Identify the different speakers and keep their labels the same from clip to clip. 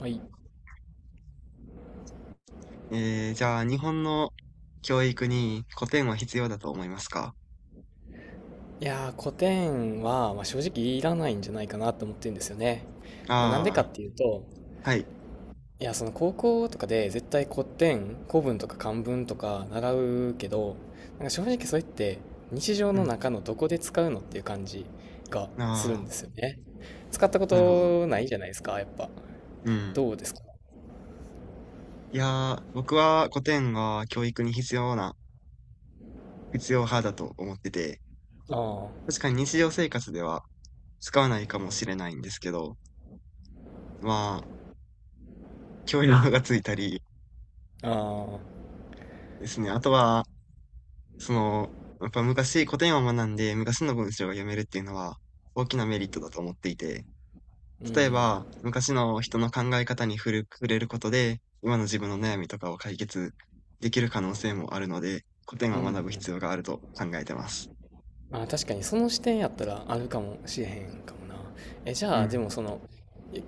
Speaker 1: はい、い
Speaker 2: じゃあ、日本の教育に古典は必要だと思いますか？
Speaker 1: や、古典は、まあ、正直いらないんじゃないかなと思ってるんですよね。まあ、なんで
Speaker 2: ああ
Speaker 1: かっ
Speaker 2: ー、
Speaker 1: ていうと、
Speaker 2: はい。
Speaker 1: いや、その、高校とかで絶対古典、古文とか漢文とか習うけど、なんか正直それって日常
Speaker 2: う
Speaker 1: の
Speaker 2: ん。
Speaker 1: 中のどこで使うのっていう感じがするん
Speaker 2: あ
Speaker 1: ですよね。使ったこ
Speaker 2: あ、なるほど。
Speaker 1: とないじゃないですか、やっぱ。
Speaker 2: うん。
Speaker 1: どうですか？
Speaker 2: いやー、僕は古典が教育に必要な、必要派だと思ってて、確
Speaker 1: あ
Speaker 2: かに日常生活では使わないかもしれないんですけど、まあ、教養がついたり
Speaker 1: あ、ああ、
Speaker 2: ですね。あとは、その、やっぱ昔古典を学んで昔の文章が読めるっていうのは大きなメリットだと思っていて、
Speaker 1: う
Speaker 2: 例え
Speaker 1: ん、
Speaker 2: ば、昔の人の考え方に触れることで、今の自分の悩みとかを解決できる可能性もあるので、古典
Speaker 1: う
Speaker 2: は
Speaker 1: んう
Speaker 2: 学ぶ
Speaker 1: ん。
Speaker 2: 必要があると考えてます。
Speaker 1: ああ、確かにその視点やったらあるかもしれへんかもな。じ
Speaker 2: う
Speaker 1: ゃあ、で
Speaker 2: ん。
Speaker 1: もその、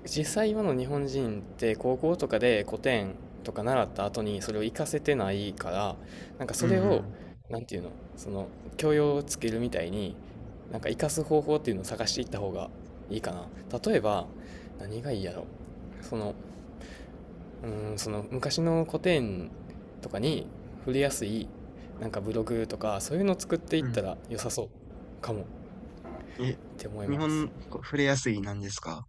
Speaker 1: 実際今の日本人って高校とかで古典とか習った後にそれを活かせてないから、なんか
Speaker 2: うん
Speaker 1: そ
Speaker 2: う
Speaker 1: れを、
Speaker 2: ん。
Speaker 1: なんていうの、その教養をつけるみたいに、なんか活かす方法っていうのを探していった方がいいかな。例えば、何がいいやろ。その、その昔の古典とかに触れやすい、なんかブログとかそういうのを作っていっ
Speaker 2: うん。
Speaker 1: たら良さそうかも
Speaker 2: え、
Speaker 1: って思い
Speaker 2: 日
Speaker 1: ます。
Speaker 2: 本、こ触れやすいなんですか？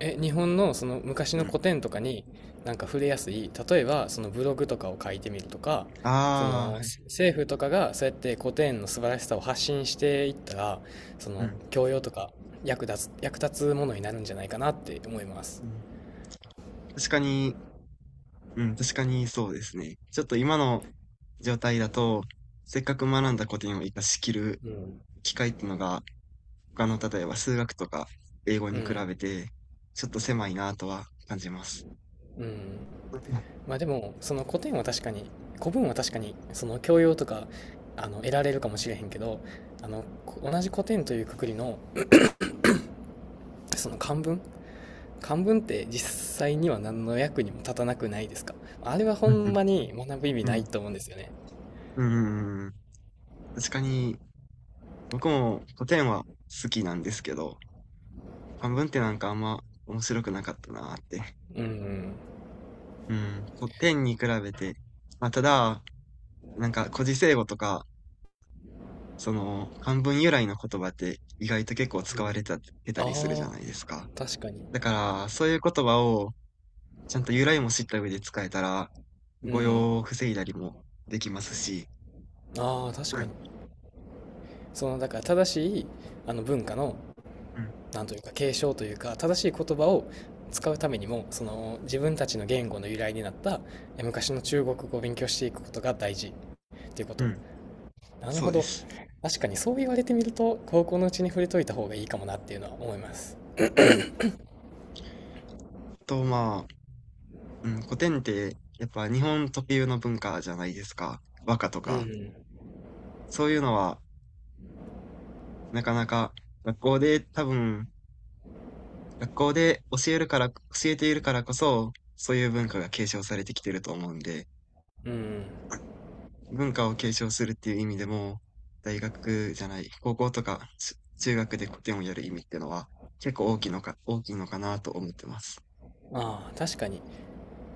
Speaker 1: 日本のその昔
Speaker 2: う
Speaker 1: の
Speaker 2: ん。
Speaker 1: 古典とかに、なんか触れやすい、例えばそのブログとかを書いてみるとか、そ
Speaker 2: ああ、
Speaker 1: の
Speaker 2: はい。
Speaker 1: 政府とかがそうやって古典の素晴らしさを発信していったら、そ
Speaker 2: う
Speaker 1: の
Speaker 2: ん。
Speaker 1: 教養とか役立つものになるんじゃないかなって思います。
Speaker 2: うん。確かに、うん、確かにそうですね。ちょっと今の状態だと、せっかく学んだ古典を活かしきる
Speaker 1: うん、
Speaker 2: 機会っていうのが他の例えば数学とか英語
Speaker 1: う
Speaker 2: に比
Speaker 1: ん
Speaker 2: べて、ちょっと狭いなとは感じます。
Speaker 1: うん。まあ、でもその古典は確かに、古文は確かにその教養とかあの得られるかもしれへんけど、あのこ同じ古典というくくりのその漢文って実際には何の役にも立たなくないですか。あれはほ
Speaker 2: うんう
Speaker 1: ん
Speaker 2: ん。
Speaker 1: まに学ぶ意味
Speaker 2: う
Speaker 1: な
Speaker 2: ん。
Speaker 1: いと思うんですよね。
Speaker 2: うんうんうん。確かに、僕も古典は好きなんですけど、漢文ってなんかあんま面白くなかったなって。
Speaker 1: うんうん。
Speaker 2: うん。古典に比べて、まあ、ただ、なんか古事成語とか、その漢文由来の言葉って意外と結構
Speaker 1: う
Speaker 2: 使わ
Speaker 1: ん。
Speaker 2: れたてた
Speaker 1: あ
Speaker 2: りするじゃ
Speaker 1: あ、
Speaker 2: ないですか。
Speaker 1: 確かに。
Speaker 2: だから、そういう言葉をちゃんと由来も知った上で使えたら、
Speaker 1: う
Speaker 2: 誤
Speaker 1: ん。
Speaker 2: 用を防いだりもできますし、
Speaker 1: ああ、確
Speaker 2: う
Speaker 1: か
Speaker 2: ん、
Speaker 1: に。その、だから正しい、あの文化の、
Speaker 2: うん、
Speaker 1: なんというか継承というか、正しい言葉を使うためにも、その、自分たちの言語の由来になった、昔の中国語を勉強していくことが大事っていうこ
Speaker 2: う
Speaker 1: と。
Speaker 2: ん、
Speaker 1: なる
Speaker 2: そ
Speaker 1: ほ
Speaker 2: うで
Speaker 1: ど。
Speaker 2: す。
Speaker 1: 確かにそう言われてみると、高校のうちに触れといた方がいいかもなっていうのは思います。
Speaker 2: うん。と、まあ、うん、古典ってやっぱ日本特有の文化じゃないですか。和歌と
Speaker 1: う
Speaker 2: か。
Speaker 1: ん。
Speaker 2: そういうのはなかなか学校で多分、学校で教えるから、教えているからこそ、そういう文化が継承されてきてると思うんで、
Speaker 1: うん。
Speaker 2: 文化を継承するっていう意味でも、大学じゃない、高校とか、し中学で古典をやる意味っていうのは、結構大きいのかなと思ってます。
Speaker 1: ああ、確かに。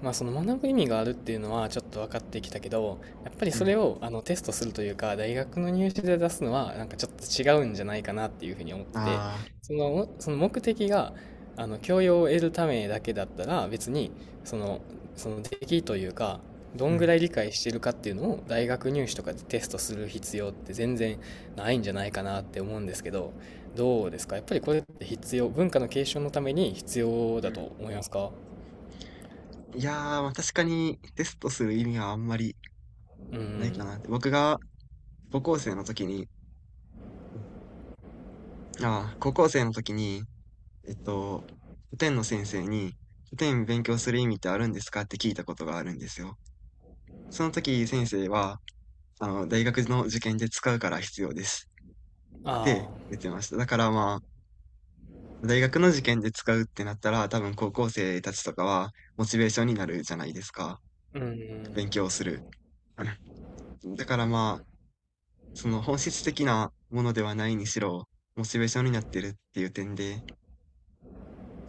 Speaker 1: まあ、その学ぶ意味があるっていうのはちょっと分かってきたけど、やっぱり
Speaker 2: う
Speaker 1: そ
Speaker 2: ん。
Speaker 1: れをあのテストするというか大学の入試で出すのはなんかちょっと違うんじゃないかなっていうふうに思ってて、
Speaker 2: ああ、
Speaker 1: そのその目的があの教養を得るためだけだったら別に、そのその出来というか、ど
Speaker 2: う
Speaker 1: んぐ
Speaker 2: ん、
Speaker 1: らい理解してるかっていうのを大学入試とかでテストする必要って全然ないんじゃないかなって思うんですけど、どうですか。やっぱりこれって必要、文化の継承のために必要
Speaker 2: う
Speaker 1: だ
Speaker 2: ん。
Speaker 1: と思いますか。
Speaker 2: いやー、まあ確かにテストする意味はあんまり
Speaker 1: う
Speaker 2: ない
Speaker 1: ん、
Speaker 2: かなって。僕が高校生の時に、ああ、高校生の時に、えっと、古典の先生に、古典勉強する意味ってあるんですかって聞いたことがあるんですよ。その時先生は、あの、大学の受験で使うから必要です
Speaker 1: あ
Speaker 2: って
Speaker 1: あ、
Speaker 2: 言ってました。だからまあ、大学の受験で使うってなったら、多分高校生たちとかはモチベーションになるじゃないですか。
Speaker 1: う
Speaker 2: 勉
Speaker 1: ん、
Speaker 2: 強する。だからまあ、その本質的なものではないにしろ、モチベーションになってるっていう点で、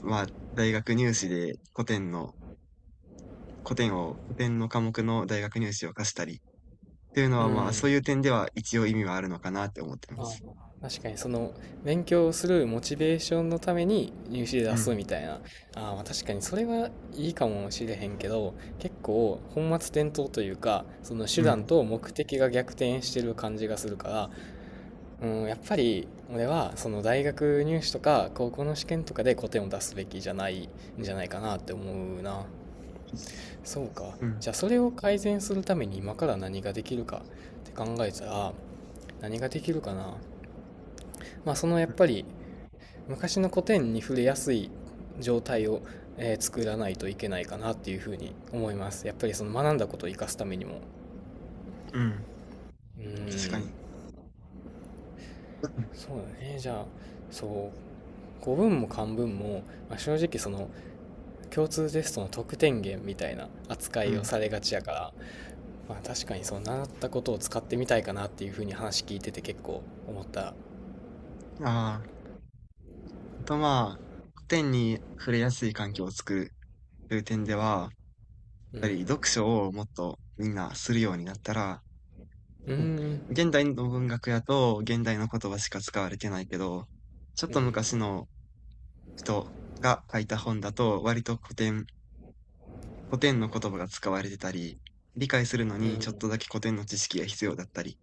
Speaker 2: まあ、大学入試で古典の、古典を、古典の科目の大学入試を課したり、っていうの
Speaker 1: う
Speaker 2: はまあ、そう
Speaker 1: ん。
Speaker 2: いう点では一応意味はあるのかなって思ってま
Speaker 1: あ
Speaker 2: す。
Speaker 1: あ、確かにその勉強するモチベーションのために入試で
Speaker 2: う
Speaker 1: 出す
Speaker 2: ん、
Speaker 1: みたいな。ああ、まあ確かにそれはいいかもしれへんけど、結構本末転倒というか、その手
Speaker 2: う
Speaker 1: 段
Speaker 2: ん、
Speaker 1: と目的が逆転してる感じがするから、うん、やっぱり俺はその大学入試とか高校の試験とかで古典を出すべきじゃないんじゃないかなって思うな。そうか。
Speaker 2: うん、
Speaker 1: じゃあそれを改善するために今から何ができるかって考えたら、何ができるかな、まあ、そのやっぱり昔の古典に触れやすい状態を、作らないといけないかなっていうふうに思います。やっぱりその学んだことを生かすためにも、
Speaker 2: うん、
Speaker 1: うー
Speaker 2: 確か
Speaker 1: ん
Speaker 2: に。
Speaker 1: そうだね。じゃあそう、古文も漢文も、まあ、正直その共通テストの得点源みたいな扱
Speaker 2: う
Speaker 1: いを
Speaker 2: ん。
Speaker 1: されがちやから、まあ、確かにその習ったことを使ってみたいかなっていうふうに話聞いてて結構思った。
Speaker 2: ああ、あとまあ、古典に触れやすい環境を作るという点では、やっ
Speaker 1: う
Speaker 2: ぱり
Speaker 1: ん、
Speaker 2: 読書をもっとみんなするようになったら、
Speaker 1: うー
Speaker 2: うん、
Speaker 1: ん、
Speaker 2: 現代の文学やと現代の言葉しか使われてないけど、ちょっ
Speaker 1: う
Speaker 2: と
Speaker 1: ん、
Speaker 2: 昔の人が書いた本だと割と古典、古典の言葉が使われてたり、理解するの
Speaker 1: う
Speaker 2: にちょっと
Speaker 1: ん、
Speaker 2: だけ古典の知識が必要だったり、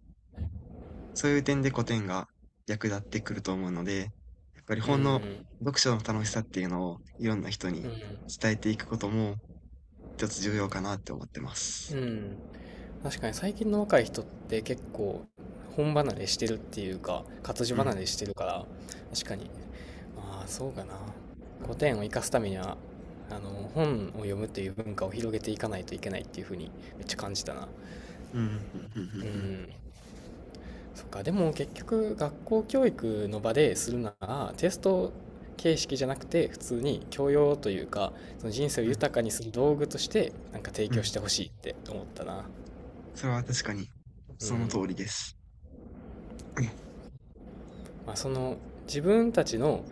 Speaker 2: そういう点で古典が役立ってくると思うので、やっぱり
Speaker 1: う
Speaker 2: 本の
Speaker 1: ん、
Speaker 2: 読書の楽しさっていうのをいろんな人に
Speaker 1: うん、
Speaker 2: 伝えていくことも一つ重要かなって思ってま
Speaker 1: う
Speaker 2: す。
Speaker 1: ん。確かに最近の若い人って結構本離れしてるっていうか、活字
Speaker 2: う
Speaker 1: 離
Speaker 2: ん。
Speaker 1: れしてるから、確かに。まあ、そうかな。古典を生かすためには、あの、本を読むっていう文化を広げていかないといけないっていうふうにめっちゃ感じたな。
Speaker 2: うん、うんうんう
Speaker 1: う
Speaker 2: んうん。
Speaker 1: ん。そっか、でも結局学校教育の場でするなら、テスト形式じゃなくて、普通に教養というか、その人生を
Speaker 2: う
Speaker 1: 豊かにする道具として、なんか提
Speaker 2: ん、う
Speaker 1: 供し
Speaker 2: ん。
Speaker 1: てほしいって思ったな。
Speaker 2: それは確かに
Speaker 1: う
Speaker 2: その通り
Speaker 1: ん。
Speaker 2: です。
Speaker 1: まあ、その自分たちの、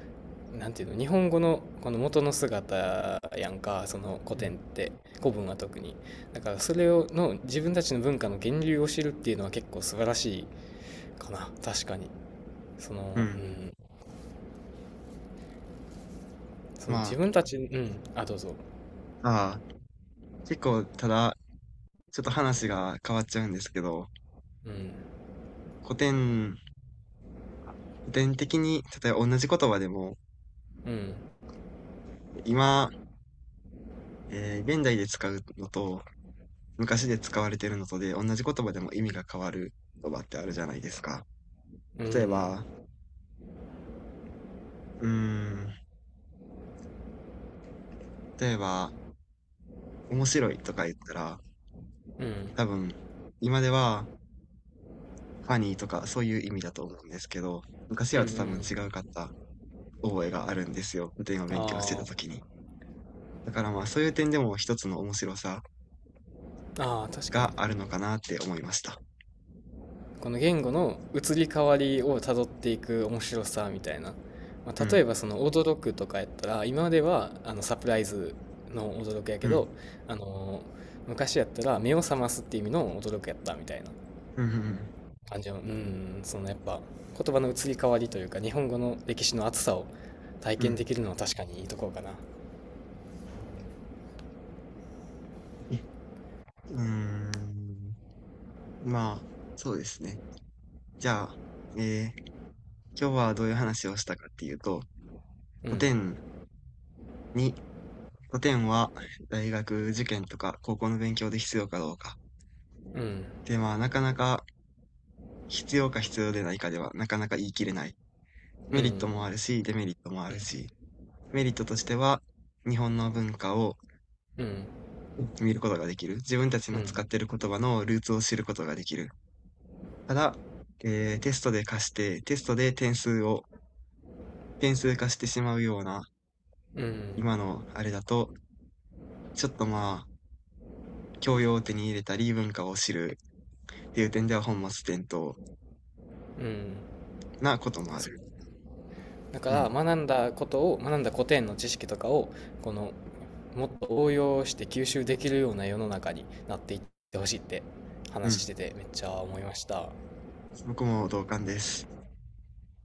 Speaker 1: なんていうの、日本語のこの元の姿やんか、その古
Speaker 2: う
Speaker 1: 典っ
Speaker 2: ん。
Speaker 1: て、古文は特に。だからそれをの自分たちの文化の源流を知るっていうのは結構素晴らしいかな。確かにそ
Speaker 2: う
Speaker 1: の、う
Speaker 2: ん。
Speaker 1: ん、その
Speaker 2: ま
Speaker 1: 自分たち、うん、あ、どうぞ。
Speaker 2: あ、ああ、結構、ただ、ちょっと話が変わっちゃうんですけど、
Speaker 1: うん、
Speaker 2: 古典、古典的に、例えば同じ言葉でも、
Speaker 1: うん、
Speaker 2: 今、現代で使うのと、昔で使われてるのとで、同じ言葉でも意味が変わる言葉ってあるじゃないですか。
Speaker 1: う
Speaker 2: 例え
Speaker 1: ん、
Speaker 2: ば、うーん、例えば、面白いとか言ったら、
Speaker 1: うん、
Speaker 2: 多分、今では、ファニーとか、そういう意味だと思うんですけど、
Speaker 1: う
Speaker 2: 昔
Speaker 1: ん、う
Speaker 2: は多分違う
Speaker 1: ん、
Speaker 2: かった覚えがあるんですよ。古典を
Speaker 1: あ
Speaker 2: 勉強してた時
Speaker 1: ー
Speaker 2: に。だからまあそういう点でも一つの面白さ
Speaker 1: あ、ー確か
Speaker 2: があ
Speaker 1: に。
Speaker 2: るのかなって思いました。
Speaker 1: この言語の移り変わりをたどっていく面白さみたいな、ま
Speaker 2: う
Speaker 1: あ、例
Speaker 2: ん。
Speaker 1: えばその驚くとかやったら今まではあのサプライズの驚くやけ
Speaker 2: うん。
Speaker 1: ど、あのー昔やったら目を覚ますっていう意味の驚くやったみたいな
Speaker 2: うんうん
Speaker 1: 感じの、うん、そのやっぱ言葉の移り変わりというか日本語の歴史の厚さを体
Speaker 2: う
Speaker 1: 験
Speaker 2: ん。
Speaker 1: できるのは確かにいいところかな。
Speaker 2: うーん。まあ、そうですね。じゃあ、えー今日はどういう話をしたかっていうと、
Speaker 1: う
Speaker 2: 古
Speaker 1: ん、
Speaker 2: 典に古典は大学受験とか高校の勉強で必要かどうか。
Speaker 1: うん、
Speaker 2: で、まあ、なかなか必要か必要でないかでは、なかなか言い切れない。
Speaker 1: う
Speaker 2: メリッ
Speaker 1: ん、
Speaker 2: トもあるし、デメリットもあるし、メリットとしては、日本の文化を
Speaker 1: うん、うん、
Speaker 2: 見ることができる。自分たち
Speaker 1: う
Speaker 2: の使っ
Speaker 1: ん、
Speaker 2: ている言葉のルーツを知ることができる。ただ、テストで点数を、点数化してしまうような、
Speaker 1: うん、
Speaker 2: 今のあれだと、ちょっとまあ、教養を手に入れたり、文化を知るっていう点では本末転倒
Speaker 1: うん。
Speaker 2: なこともある。
Speaker 1: そだか
Speaker 2: う
Speaker 1: ら
Speaker 2: ん。
Speaker 1: 学んだ古典の知識とかをこの、もっと応用して吸収できるような世の中になっていってほしいって
Speaker 2: う
Speaker 1: 話し
Speaker 2: ん。
Speaker 1: ててめっちゃ思いました。
Speaker 2: 僕も同感です。